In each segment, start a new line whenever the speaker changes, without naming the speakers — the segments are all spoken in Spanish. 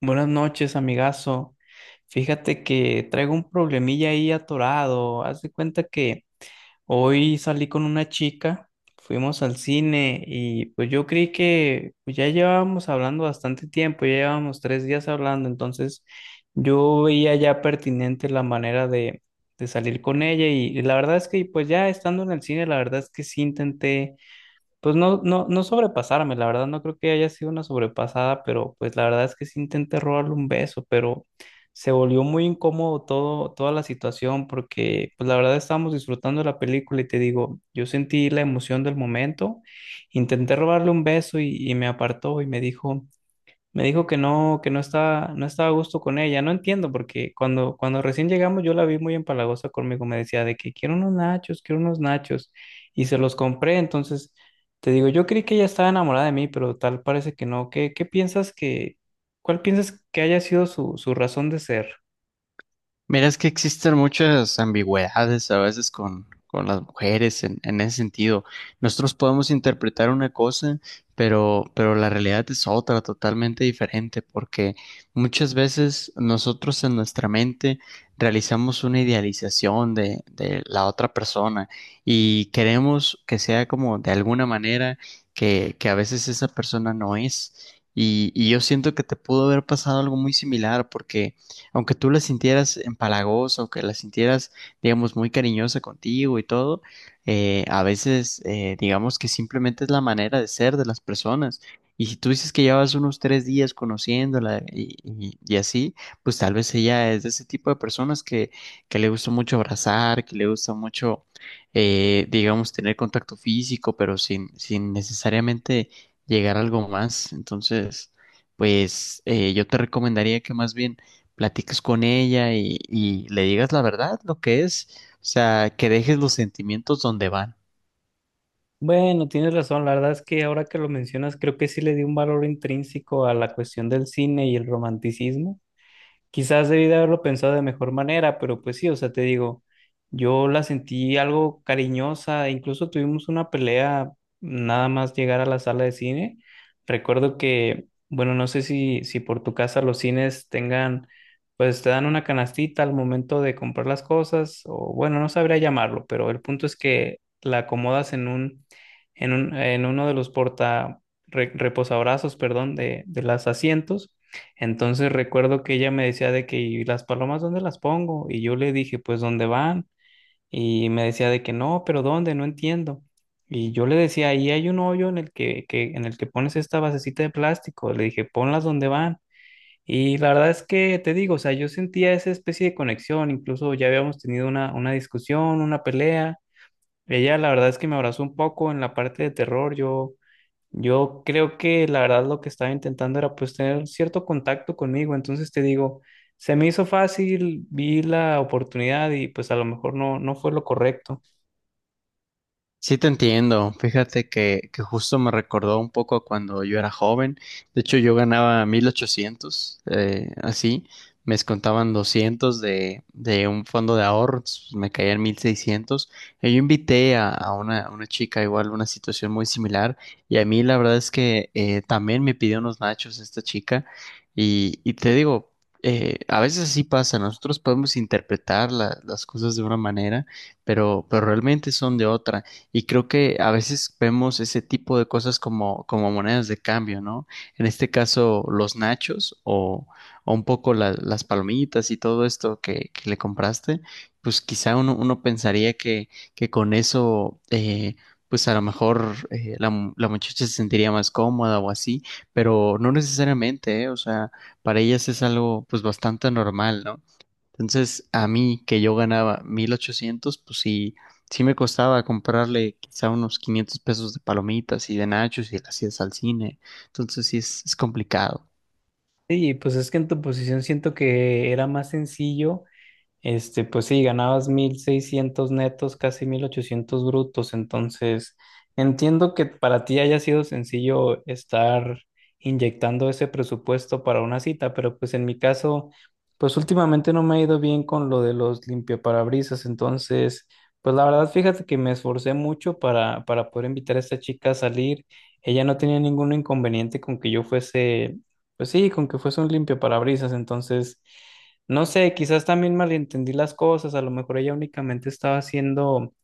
Buenas noches, amigazo. Fíjate que traigo un problemilla ahí atorado. Haz de cuenta que hoy salí con una chica, fuimos al cine y pues yo creí que pues, ya llevábamos hablando bastante tiempo, ya llevábamos 3 días hablando, entonces yo veía ya pertinente la manera de salir con ella y la verdad es que pues ya estando en el cine, la verdad es que sí intenté pues no, no, no sobrepasarme, la verdad no creo que haya sido una sobrepasada, pero pues la verdad es que sí intenté robarle un beso, pero se volvió muy incómodo todo, toda la situación porque pues la verdad estábamos disfrutando de la película y te digo, yo sentí la emoción del momento, intenté robarle un beso y me apartó y me dijo que no, que no estaba a gusto con ella. No entiendo, porque cuando recién llegamos yo la vi muy empalagosa conmigo. Me decía de que quiero unos nachos, quiero unos nachos. Y se los compré. Entonces, te digo, yo creí que ella estaba enamorada de mí, pero tal parece que no. ¿Cuál piensas que haya sido su, su razón de ser?
Mira, es que existen muchas ambigüedades a veces con las mujeres en ese sentido. Nosotros podemos interpretar una cosa, pero la realidad es otra, totalmente diferente, porque muchas veces nosotros en nuestra mente realizamos una idealización de la otra persona y queremos que sea como de alguna manera que a veces esa persona no es. Y yo siento que te pudo haber pasado algo muy similar porque aunque tú la sintieras empalagosa o que la sintieras, digamos, muy cariñosa contigo y todo, a veces, digamos que simplemente es la manera de ser de las personas. Y si tú dices que llevas unos tres días conociéndola y así, pues tal vez ella es de ese tipo de personas que le gusta mucho abrazar, que le gusta mucho, digamos, tener contacto físico, pero sin necesariamente llegar a algo más. Entonces, pues yo te recomendaría que más bien platiques con ella y le digas la verdad, lo que es, o sea, que dejes los sentimientos donde van.
Bueno, tienes razón. La verdad es que ahora que lo mencionas, creo que sí le di un valor intrínseco a la cuestión del cine y el romanticismo. Quizás debí de haberlo pensado de mejor manera, pero pues sí, o sea, te digo, yo la sentí algo cariñosa, incluso tuvimos una pelea nada más llegar a la sala de cine. Recuerdo que, bueno, no sé si, por tu casa los cines tengan, pues te dan una canastita al momento de comprar las cosas, o bueno, no sabría llamarlo, pero el punto es que la acomodas en uno de los reposabrazos, perdón, de los asientos, entonces recuerdo que ella me decía de que, ¿y las palomas dónde las pongo? Y yo le dije, pues, ¿dónde van? Y me decía de que no, pero ¿dónde? No entiendo. Y yo le decía, ahí hay un hoyo en el que pones esta basecita de plástico. Le dije, ponlas donde van. Y la verdad es que te digo, o sea, yo sentía esa especie de conexión. Incluso ya habíamos tenido una discusión, una pelea. Ella, la verdad es que me abrazó un poco en la parte de terror. Yo creo que la verdad lo que estaba intentando era pues tener cierto contacto conmigo, entonces te digo, se me hizo fácil, vi la oportunidad y pues a lo mejor no, no fue lo correcto.
Sí, te entiendo. Fíjate que justo me recordó un poco a cuando yo era joven. De hecho, yo ganaba 1800, así. Me descontaban 200 de un fondo de ahorros, pues, me caían 1600. Y yo invité a una chica igual, una situación muy similar. Y a mí la verdad es que también me pidió unos nachos esta chica. Y te digo, a veces así pasa. Nosotros podemos interpretar las cosas de una manera, pero realmente son de otra. Y creo que a veces vemos ese tipo de cosas como monedas de cambio, ¿no? En este caso, los nachos o un poco las palomitas y todo esto que le compraste, pues quizá uno pensaría que con eso, pues a lo mejor la muchacha se sentiría más cómoda o así, pero no necesariamente, ¿eh? O sea, para ellas es algo pues bastante normal, ¿no? Entonces, a mí que yo ganaba 1800, pues sí, sí me costaba comprarle quizá unos 500 pesos de palomitas y de nachos y las idas al cine. Entonces, sí es complicado.
Y pues es que en tu posición siento que era más sencillo. Este, pues sí, ganabas 1,600 netos, casi 1,800 brutos, entonces entiendo que para ti haya sido sencillo estar inyectando ese presupuesto para una cita, pero pues en mi caso, pues últimamente no me ha ido bien con lo de los limpiaparabrisas, entonces, pues la verdad, fíjate que me esforcé mucho para poder invitar a esta chica a salir, ella no tenía ningún inconveniente con que yo fuese, pues sí, con que fuese un limpiaparabrisas, entonces. No sé, quizás también malentendí las cosas, a lo mejor ella únicamente estaba haciendo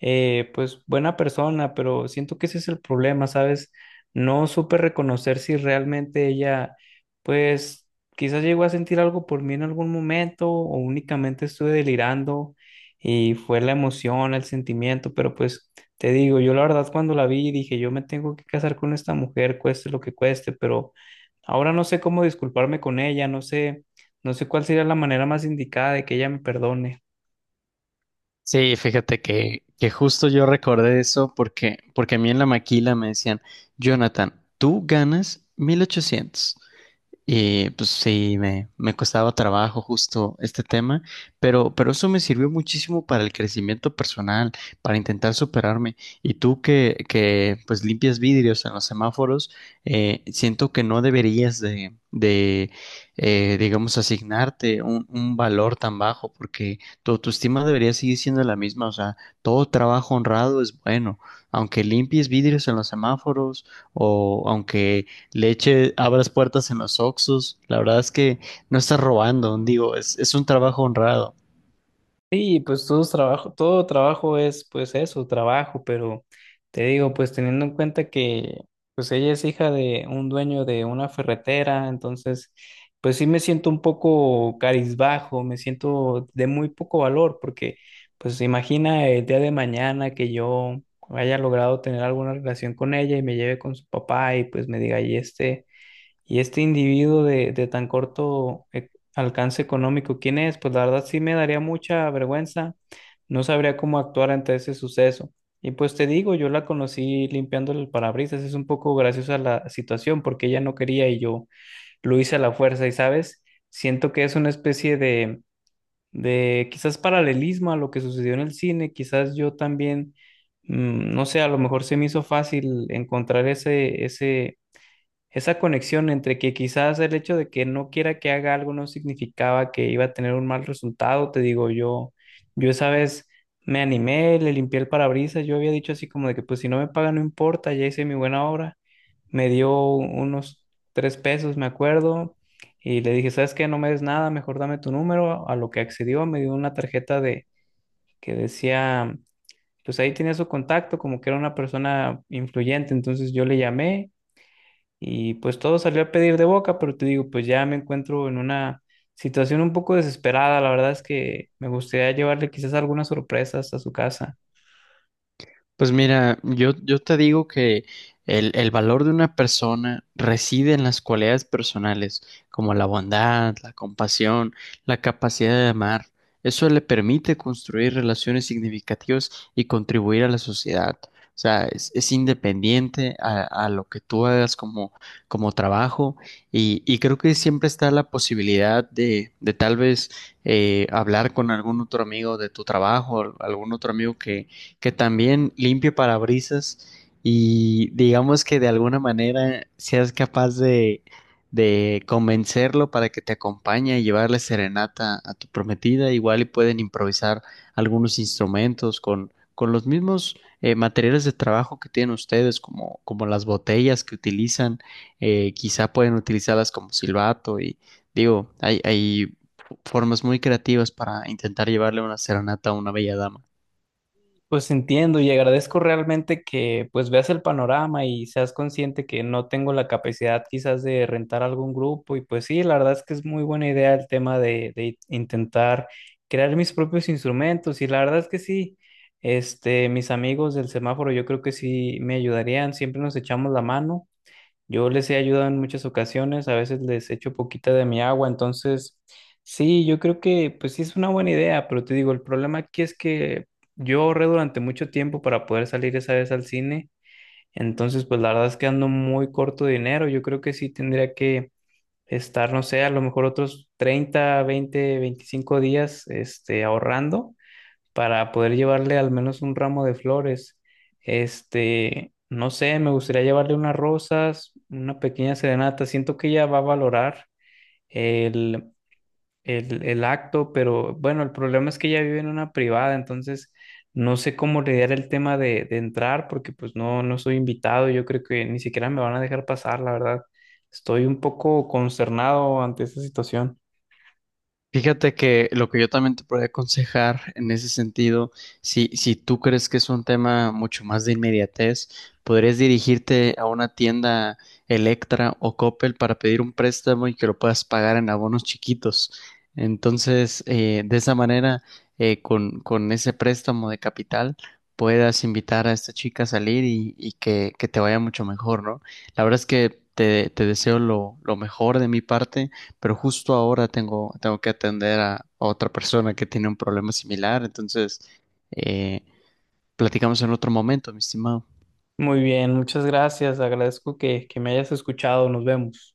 pues buena persona, pero siento que ese es el problema, ¿sabes? No supe reconocer si realmente ella, pues quizás llegó a sentir algo por mí en algún momento o únicamente estuve delirando y fue la emoción, el sentimiento, pero pues te digo, yo la verdad cuando la vi dije, yo me tengo que casar con esta mujer, cueste lo que cueste, pero ahora no sé cómo disculparme con ella, no sé, no sé cuál sería la manera más indicada de que ella me perdone.
Sí, fíjate que justo yo recordé eso porque a mí en la maquila me decían, Jonathan, tú ganas 1800. Y pues sí, me costaba trabajo justo este tema, pero eso me sirvió muchísimo para el crecimiento personal, para intentar superarme. Y tú que pues limpias vidrios en los semáforos, siento que no deberías de digamos, asignarte un valor tan bajo, porque tu autoestima debería seguir siendo la misma. O sea, todo trabajo honrado es bueno, aunque limpies vidrios en los semáforos o aunque leche, abras puertas en los Oxxos. La verdad es que no estás robando, digo, es un trabajo honrado.
Sí, pues todo trabajo es pues eso, trabajo, pero te digo, pues teniendo en cuenta que pues ella es hija de un dueño de una ferretera, entonces pues sí me siento un poco carizbajo, me siento de muy poco valor, porque pues imagina el día de mañana que yo haya logrado tener alguna relación con ella y me lleve con su papá y pues me diga, y este individuo de tan corto alcance económico, ¿quién es? Pues la verdad sí me daría mucha vergüenza, no sabría cómo actuar ante ese suceso. Y pues te digo, yo la conocí limpiando el parabrisas, es un poco graciosa la situación porque ella no quería y yo lo hice a la fuerza y, ¿sabes? Siento que es una especie de quizás paralelismo a lo que sucedió en el cine, quizás yo también, no sé, a lo mejor se me hizo fácil encontrar ese, ese esa conexión entre que quizás el hecho de que no quiera que haga algo no significaba que iba a tener un mal resultado, te digo yo, yo esa vez me animé, le limpié el parabrisas, yo había dicho así como de que pues si no me pagan no importa, ya hice mi buena obra, me dio unos 3 pesos, me acuerdo, y le dije, ¿sabes qué? No me des nada, mejor dame tu número, a lo que accedió, me dio una tarjeta de que decía, pues ahí tenía su contacto, como que era una persona influyente, entonces yo le llamé. Y pues todo salió a pedir de boca, pero te digo, pues ya me encuentro en una situación un poco desesperada. La verdad es que me gustaría llevarle quizás algunas sorpresas a su casa.
Pues mira, yo te digo que el valor de una persona reside en las cualidades personales, como la bondad, la compasión, la capacidad de amar. Eso le permite construir relaciones significativas y contribuir a la sociedad. O sea, es independiente a lo que tú hagas como trabajo y creo que siempre está la posibilidad de tal vez hablar con algún otro amigo de tu trabajo, algún otro amigo que también limpie parabrisas y digamos que de alguna manera seas capaz de convencerlo para que te acompañe y llevarle serenata a tu prometida. Igual y pueden improvisar algunos instrumentos con los mismos materiales de trabajo que tienen ustedes, como las botellas que utilizan, quizá pueden utilizarlas como silbato y digo, hay formas muy creativas para intentar llevarle una serenata a una bella dama.
Pues entiendo y agradezco realmente que pues veas el panorama y seas consciente que no tengo la capacidad quizás de rentar algún grupo. Y pues sí, la verdad es que es muy buena idea el tema de intentar crear mis propios instrumentos. Y la verdad es que sí. Este, mis amigos del semáforo, yo creo que sí me ayudarían, siempre nos echamos la mano. Yo les he ayudado en muchas ocasiones, a veces les echo poquita de mi agua, entonces sí, yo creo que pues sí es una buena idea, pero te digo, el problema aquí es que yo ahorré durante mucho tiempo para poder salir esa vez al cine, entonces pues la verdad es que ando muy corto de dinero, yo creo que sí tendría que estar, no sé, a lo mejor otros 30, 20, 25 días este, ahorrando para poder llevarle al menos un ramo de flores. Este, no sé, me gustaría llevarle unas rosas, una pequeña serenata. Siento que ella va a valorar el, el acto, pero bueno, el problema es que ella vive en una privada, entonces no sé cómo lidiar el tema de entrar porque pues no, no soy invitado. Yo creo que ni siquiera me van a dejar pasar, la verdad. Estoy un poco consternado ante esta situación.
Fíjate que lo que yo también te podría aconsejar en ese sentido, si tú crees que es un tema mucho más de inmediatez, podrías dirigirte a una tienda Electra o Coppel para pedir un préstamo y que lo puedas pagar en abonos chiquitos. Entonces, de esa manera, con ese préstamo de capital, puedas invitar a esta chica a salir y que te vaya mucho mejor, ¿no? La verdad es que te deseo lo mejor de mi parte, pero justo ahora tengo que atender a otra persona que tiene un problema similar, entonces eh, platicamos en otro momento, mi estimado.
Muy bien, muchas gracias. Agradezco que me hayas escuchado. Nos vemos.